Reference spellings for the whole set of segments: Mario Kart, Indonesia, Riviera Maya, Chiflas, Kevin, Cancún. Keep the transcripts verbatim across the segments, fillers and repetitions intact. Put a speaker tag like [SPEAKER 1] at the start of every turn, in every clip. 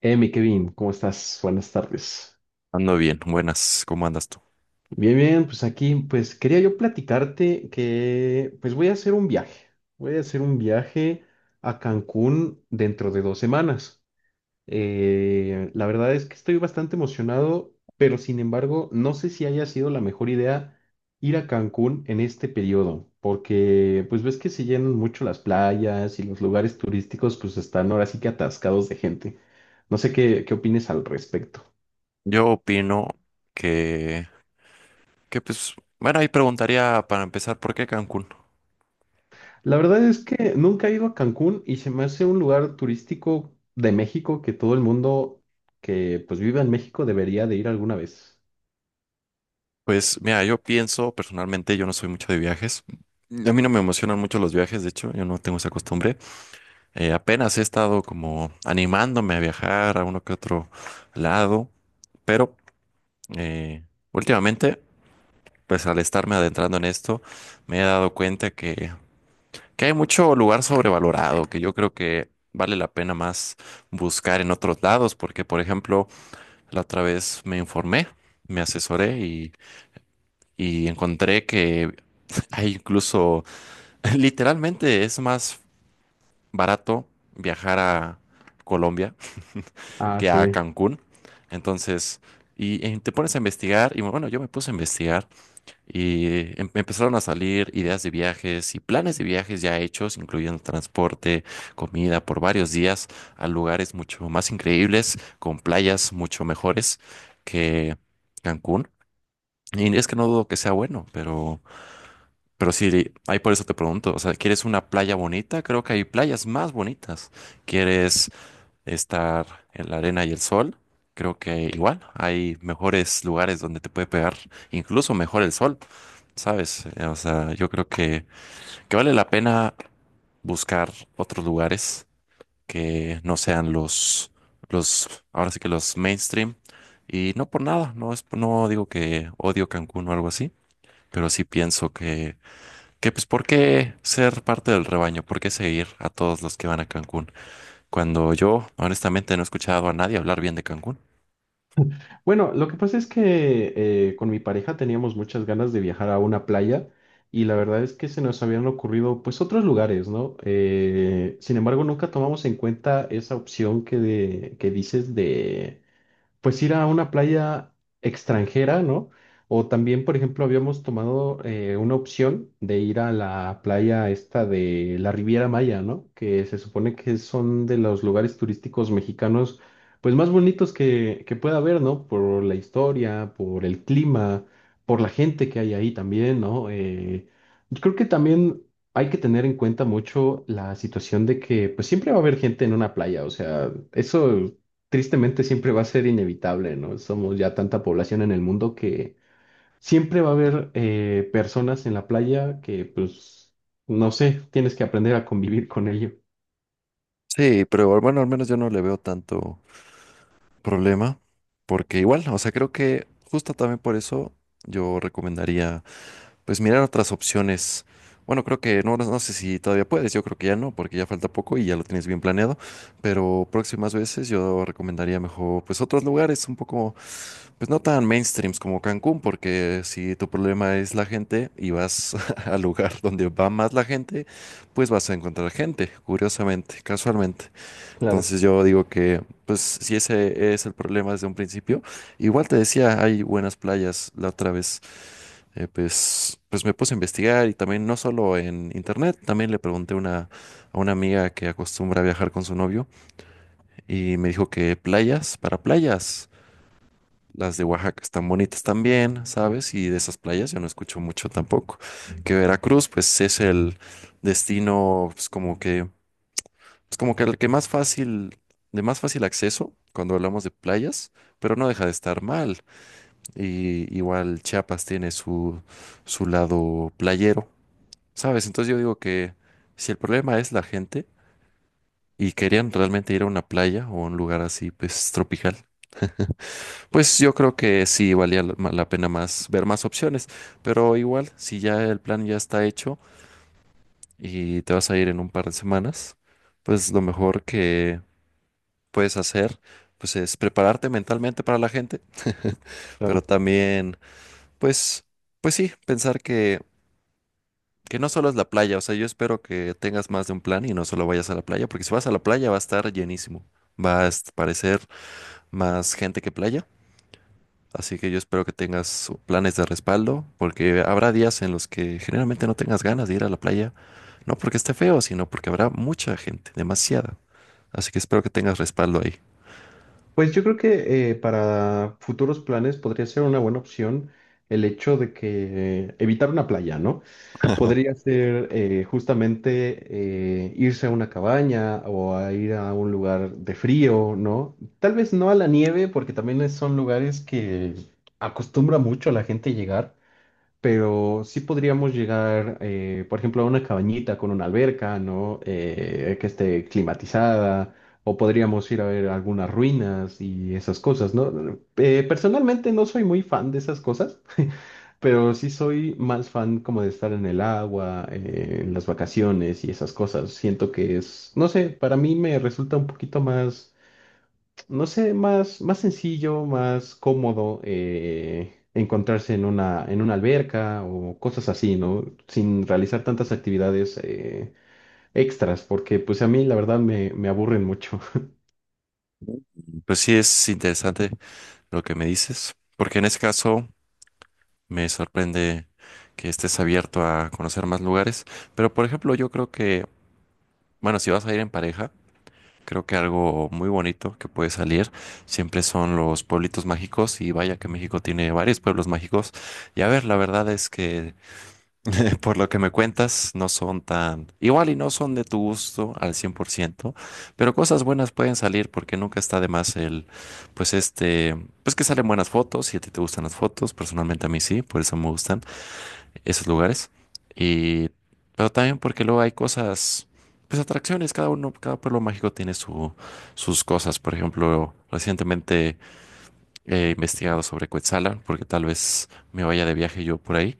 [SPEAKER 1] Eh, mi Kevin, ¿cómo estás? Buenas tardes.
[SPEAKER 2] Ando bien, buenas, ¿cómo andas tú?
[SPEAKER 1] Bien, bien, pues aquí, pues quería yo platicarte que, pues voy a hacer un viaje. Voy a hacer un viaje a Cancún dentro de dos semanas. Eh, la verdad es que estoy bastante emocionado, pero sin embargo, no sé si haya sido la mejor idea ir a Cancún en este periodo, porque pues ves que se llenan mucho las playas y los lugares turísticos, pues están ahora sí que atascados de gente. No sé qué, qué opines al respecto.
[SPEAKER 2] Yo opino que, que pues, bueno, ahí preguntaría para empezar, ¿por qué Cancún?
[SPEAKER 1] La verdad es que nunca he ido a Cancún y se me hace un lugar turístico de México que todo el mundo que pues vive en México debería de ir alguna vez.
[SPEAKER 2] Pues mira, yo pienso personalmente, yo no soy mucho de viajes. A mí no me emocionan mucho los viajes, de hecho, yo no tengo esa costumbre. Eh, apenas he estado como animándome a viajar a uno que otro lado, pero eh, últimamente, pues al estarme adentrando en esto, me he dado cuenta que que hay mucho lugar sobrevalorado, que yo creo que vale la pena más buscar en otros lados, porque por ejemplo, la otra vez me informé, me asesoré y, y encontré que hay incluso, literalmente es más barato viajar a Colombia
[SPEAKER 1] Ah,
[SPEAKER 2] que a
[SPEAKER 1] sí.
[SPEAKER 2] Cancún. Entonces, y, eh, te pones a investigar, y bueno, yo me puse a investigar. Y em- empezaron a salir ideas de viajes y planes de viajes ya hechos, incluyendo transporte, comida por varios días a lugares mucho más increíbles, con playas mucho mejores que Cancún. Y es que no dudo que sea bueno, pero, pero sí, ahí por eso te pregunto, o sea, ¿quieres una playa bonita? Creo que hay playas más bonitas. ¿Quieres estar en la arena y el sol? Creo que igual hay mejores lugares donde te puede pegar, incluso mejor el sol, ¿sabes? Eh, O sea, yo creo que, que vale la pena buscar otros lugares que no sean los, los, ahora sí que los mainstream. Y no por nada, no es, no digo que odio Cancún o algo así, pero sí pienso que, que pues, ¿por qué ser parte del rebaño? ¿Por qué seguir a todos los que van a Cancún? Cuando yo, honestamente, no he escuchado a nadie hablar bien de Cancún.
[SPEAKER 1] Bueno, lo que pasa es que eh, con mi pareja teníamos muchas ganas de viajar a una playa y la verdad es que se nos habían ocurrido pues otros lugares, ¿no? Eh, sin embargo, nunca tomamos en cuenta esa opción que, de- que dices de pues ir a una playa extranjera, ¿no? O también, por ejemplo, habíamos tomado eh, una opción de ir a la playa esta de la Riviera Maya, ¿no? Que se supone que son de los lugares turísticos mexicanos, pues más bonitos que, que pueda haber, ¿no? Por la historia, por el clima, por la gente que hay ahí también, ¿no? Eh, yo creo que también... Hay que tener en cuenta mucho la situación de que pues siempre va a haber gente en una playa, o sea, eso tristemente siempre va a ser inevitable, ¿no? Somos ya tanta población en el mundo que siempre va a haber eh, personas en la playa que, pues, no sé, tienes que aprender a convivir con ello.
[SPEAKER 2] Sí, pero bueno, al menos yo no le veo tanto problema, porque igual, o sea, creo que justo también por eso yo recomendaría, pues mirar otras opciones. Bueno, creo que no, no sé si todavía puedes, yo creo que ya no, porque ya falta poco y ya lo tienes bien planeado, pero próximas veces yo recomendaría mejor, pues otros lugares un poco. Pues no tan mainstreams como Cancún, porque si tu problema es la gente y vas al lugar donde va más la gente, pues vas a encontrar gente, curiosamente, casualmente.
[SPEAKER 1] Claro,
[SPEAKER 2] Entonces yo digo que, pues si ese es el problema desde un principio, igual te decía, hay buenas playas la otra vez. Eh, pues, pues me puse a investigar y también no solo en internet, también le pregunté a una, a una amiga que acostumbra a viajar con su novio y me dijo que playas para playas. Las de Oaxaca están bonitas también, ¿sabes?
[SPEAKER 1] sí,
[SPEAKER 2] Y de esas playas yo no escucho mucho tampoco. Que Veracruz, pues es el destino, pues como que, es como que el que más fácil, de más fácil acceso cuando hablamos de playas, pero no deja de estar mal. Y igual Chiapas tiene su, su lado playero, ¿sabes? Entonces yo digo que si el problema es la gente y querían realmente ir a una playa o a un lugar así, pues tropical, pues yo creo que sí valía la la pena más ver más opciones, pero igual si ya el plan ya está hecho y te vas a ir en un par de semanas, pues lo mejor que puedes hacer pues es prepararte mentalmente para la gente, pero
[SPEAKER 1] claro.
[SPEAKER 2] también pues pues sí, pensar que que no solo es la playa, o sea, yo espero que tengas más de un plan y no solo vayas a la playa, porque si vas a la playa va a estar llenísimo. Va a est- parecer más gente que playa. Así que yo espero que tengas planes de respaldo, porque habrá días en los que generalmente no tengas ganas de ir a la playa, no porque esté feo, sino porque habrá mucha gente, demasiada. Así que espero que tengas respaldo ahí.
[SPEAKER 1] Pues yo creo que eh, para futuros planes podría ser una buena opción el hecho de que eh, evitar una playa, ¿no? Podría ser eh, justamente eh, irse a una cabaña o a ir a un lugar de frío, ¿no? Tal vez no a la nieve, porque también es- son lugares que acostumbra mucho a la gente llegar, pero sí podríamos llegar, eh, por ejemplo, a una cabañita con una alberca, ¿no? Eh, que esté climatizada, o podríamos ir a ver algunas ruinas y esas cosas, ¿no? Eh, personalmente no soy muy fan de esas cosas, pero sí soy más fan como de estar en el agua, eh, en las vacaciones y esas cosas. Siento que es, no sé, para mí me resulta un poquito más no sé, más, más sencillo, más cómodo eh, encontrarse en una, en una alberca o cosas así, ¿no? Sin realizar tantas actividades eh, extras, porque pues a mí la verdad me, me aburren mucho.
[SPEAKER 2] Pues sí, es interesante lo que me dices, porque en ese caso me sorprende que estés abierto a conocer más lugares, pero por ejemplo yo creo que, bueno, si vas a ir en pareja, creo que algo muy bonito que puede salir siempre son los pueblitos mágicos y vaya que México tiene varios pueblos mágicos. Y a ver, la verdad es que por lo que me cuentas no son tan igual y no son de tu gusto al cien por ciento, pero cosas buenas pueden salir porque nunca está de más el, pues este, pues que salen buenas fotos si a ti te gustan las fotos, personalmente a mí sí, por eso me gustan esos lugares. Y, pero también porque luego hay cosas, pues atracciones, cada uno, cada pueblo mágico tiene su, sus cosas. Por ejemplo, recientemente he investigado sobre Cuetzalan, porque tal vez me vaya de viaje yo por ahí.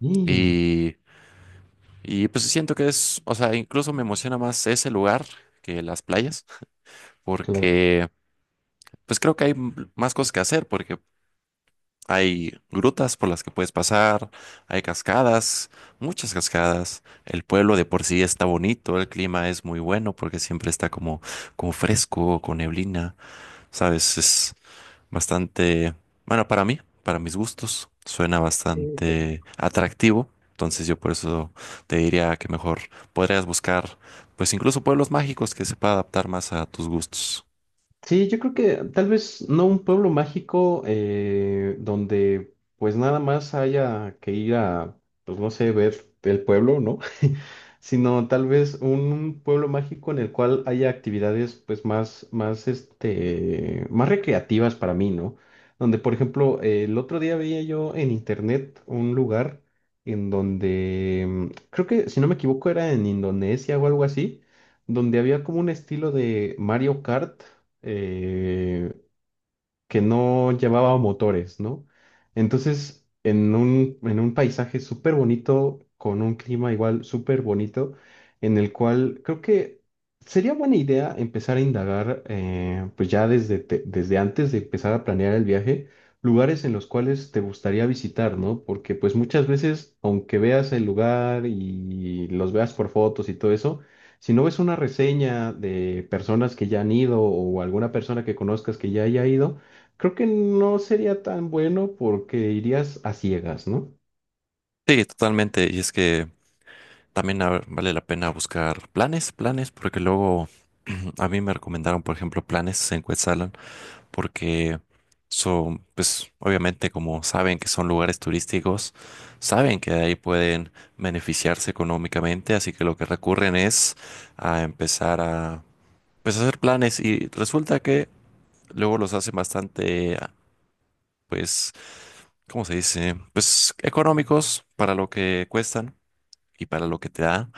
[SPEAKER 1] Y,
[SPEAKER 2] Y, y pues siento que es, o sea, incluso me emociona más ese lugar que las playas,
[SPEAKER 1] claro.
[SPEAKER 2] porque pues creo que hay m- más cosas que hacer, porque hay grutas por las que puedes pasar, hay cascadas, muchas cascadas. El pueblo de por sí está bonito, el clima es muy bueno porque siempre está como, como fresco, con neblina, ¿sabes? Es bastante, bueno, para mí, para mis gustos, suena bastante atractivo. Entonces yo por eso te diría que mejor podrías buscar, pues incluso pueblos mágicos que se pueda adaptar más a tus gustos.
[SPEAKER 1] Sí, yo creo que tal vez no un pueblo mágico eh, donde pues nada más haya que ir a, pues no sé, ver el pueblo, ¿no? Sino tal vez un pueblo mágico en el cual haya actividades pues más, más, este, más recreativas para mí, ¿no? Donde, por ejemplo, eh, el otro día veía yo en internet un lugar en donde, mm, creo que si no me equivoco era en Indonesia o algo así, donde había como un estilo de Mario Kart eh, que no llevaba motores, ¿no? Entonces, en un, en un paisaje súper bonito, con un clima igual súper bonito, en el cual creo que sería buena idea empezar a indagar, eh, pues ya desde, te- desde antes de empezar a planear el viaje, lugares en los cuales te gustaría visitar, ¿no? Porque pues muchas veces, aunque veas el lugar y los veas por fotos y todo eso, si no ves una reseña de personas que ya han ido o alguna persona que conozcas que ya haya ido, creo que no sería tan bueno porque irías a ciegas, ¿no?
[SPEAKER 2] Sí, totalmente. Y es que también a- vale la pena buscar planes, planes, porque luego a mí me recomendaron, por ejemplo, planes en Quetzalan, porque son, pues obviamente como saben que son lugares turísticos, saben que de ahí pueden beneficiarse económicamente, así que lo que recurren es a empezar a, pues, hacer planes y resulta que luego los hacen bastante, ah, pues, ¿cómo se dice? Pues económicos para lo que cuestan y para lo que te da,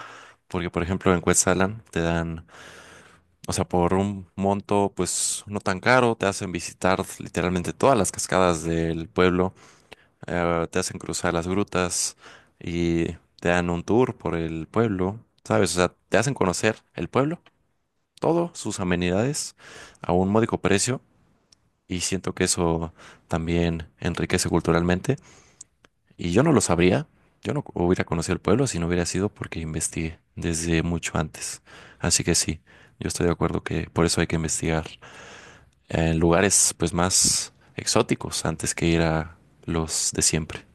[SPEAKER 2] porque por ejemplo en Quetzalan te dan, o sea, por un monto pues no tan caro, te hacen visitar literalmente todas las cascadas del pueblo, eh, te hacen cruzar las grutas y te dan un tour por el pueblo, ¿sabes? O sea, te hacen conocer el pueblo, todo, sus amenidades a un módico precio y siento que eso también enriquece culturalmente y yo no lo sabría, yo no hubiera conocido el pueblo si no hubiera sido porque investigué desde mucho antes. Así que sí, yo estoy de acuerdo que por eso hay que investigar. En lugares pues más exóticos antes que ir a los de siempre.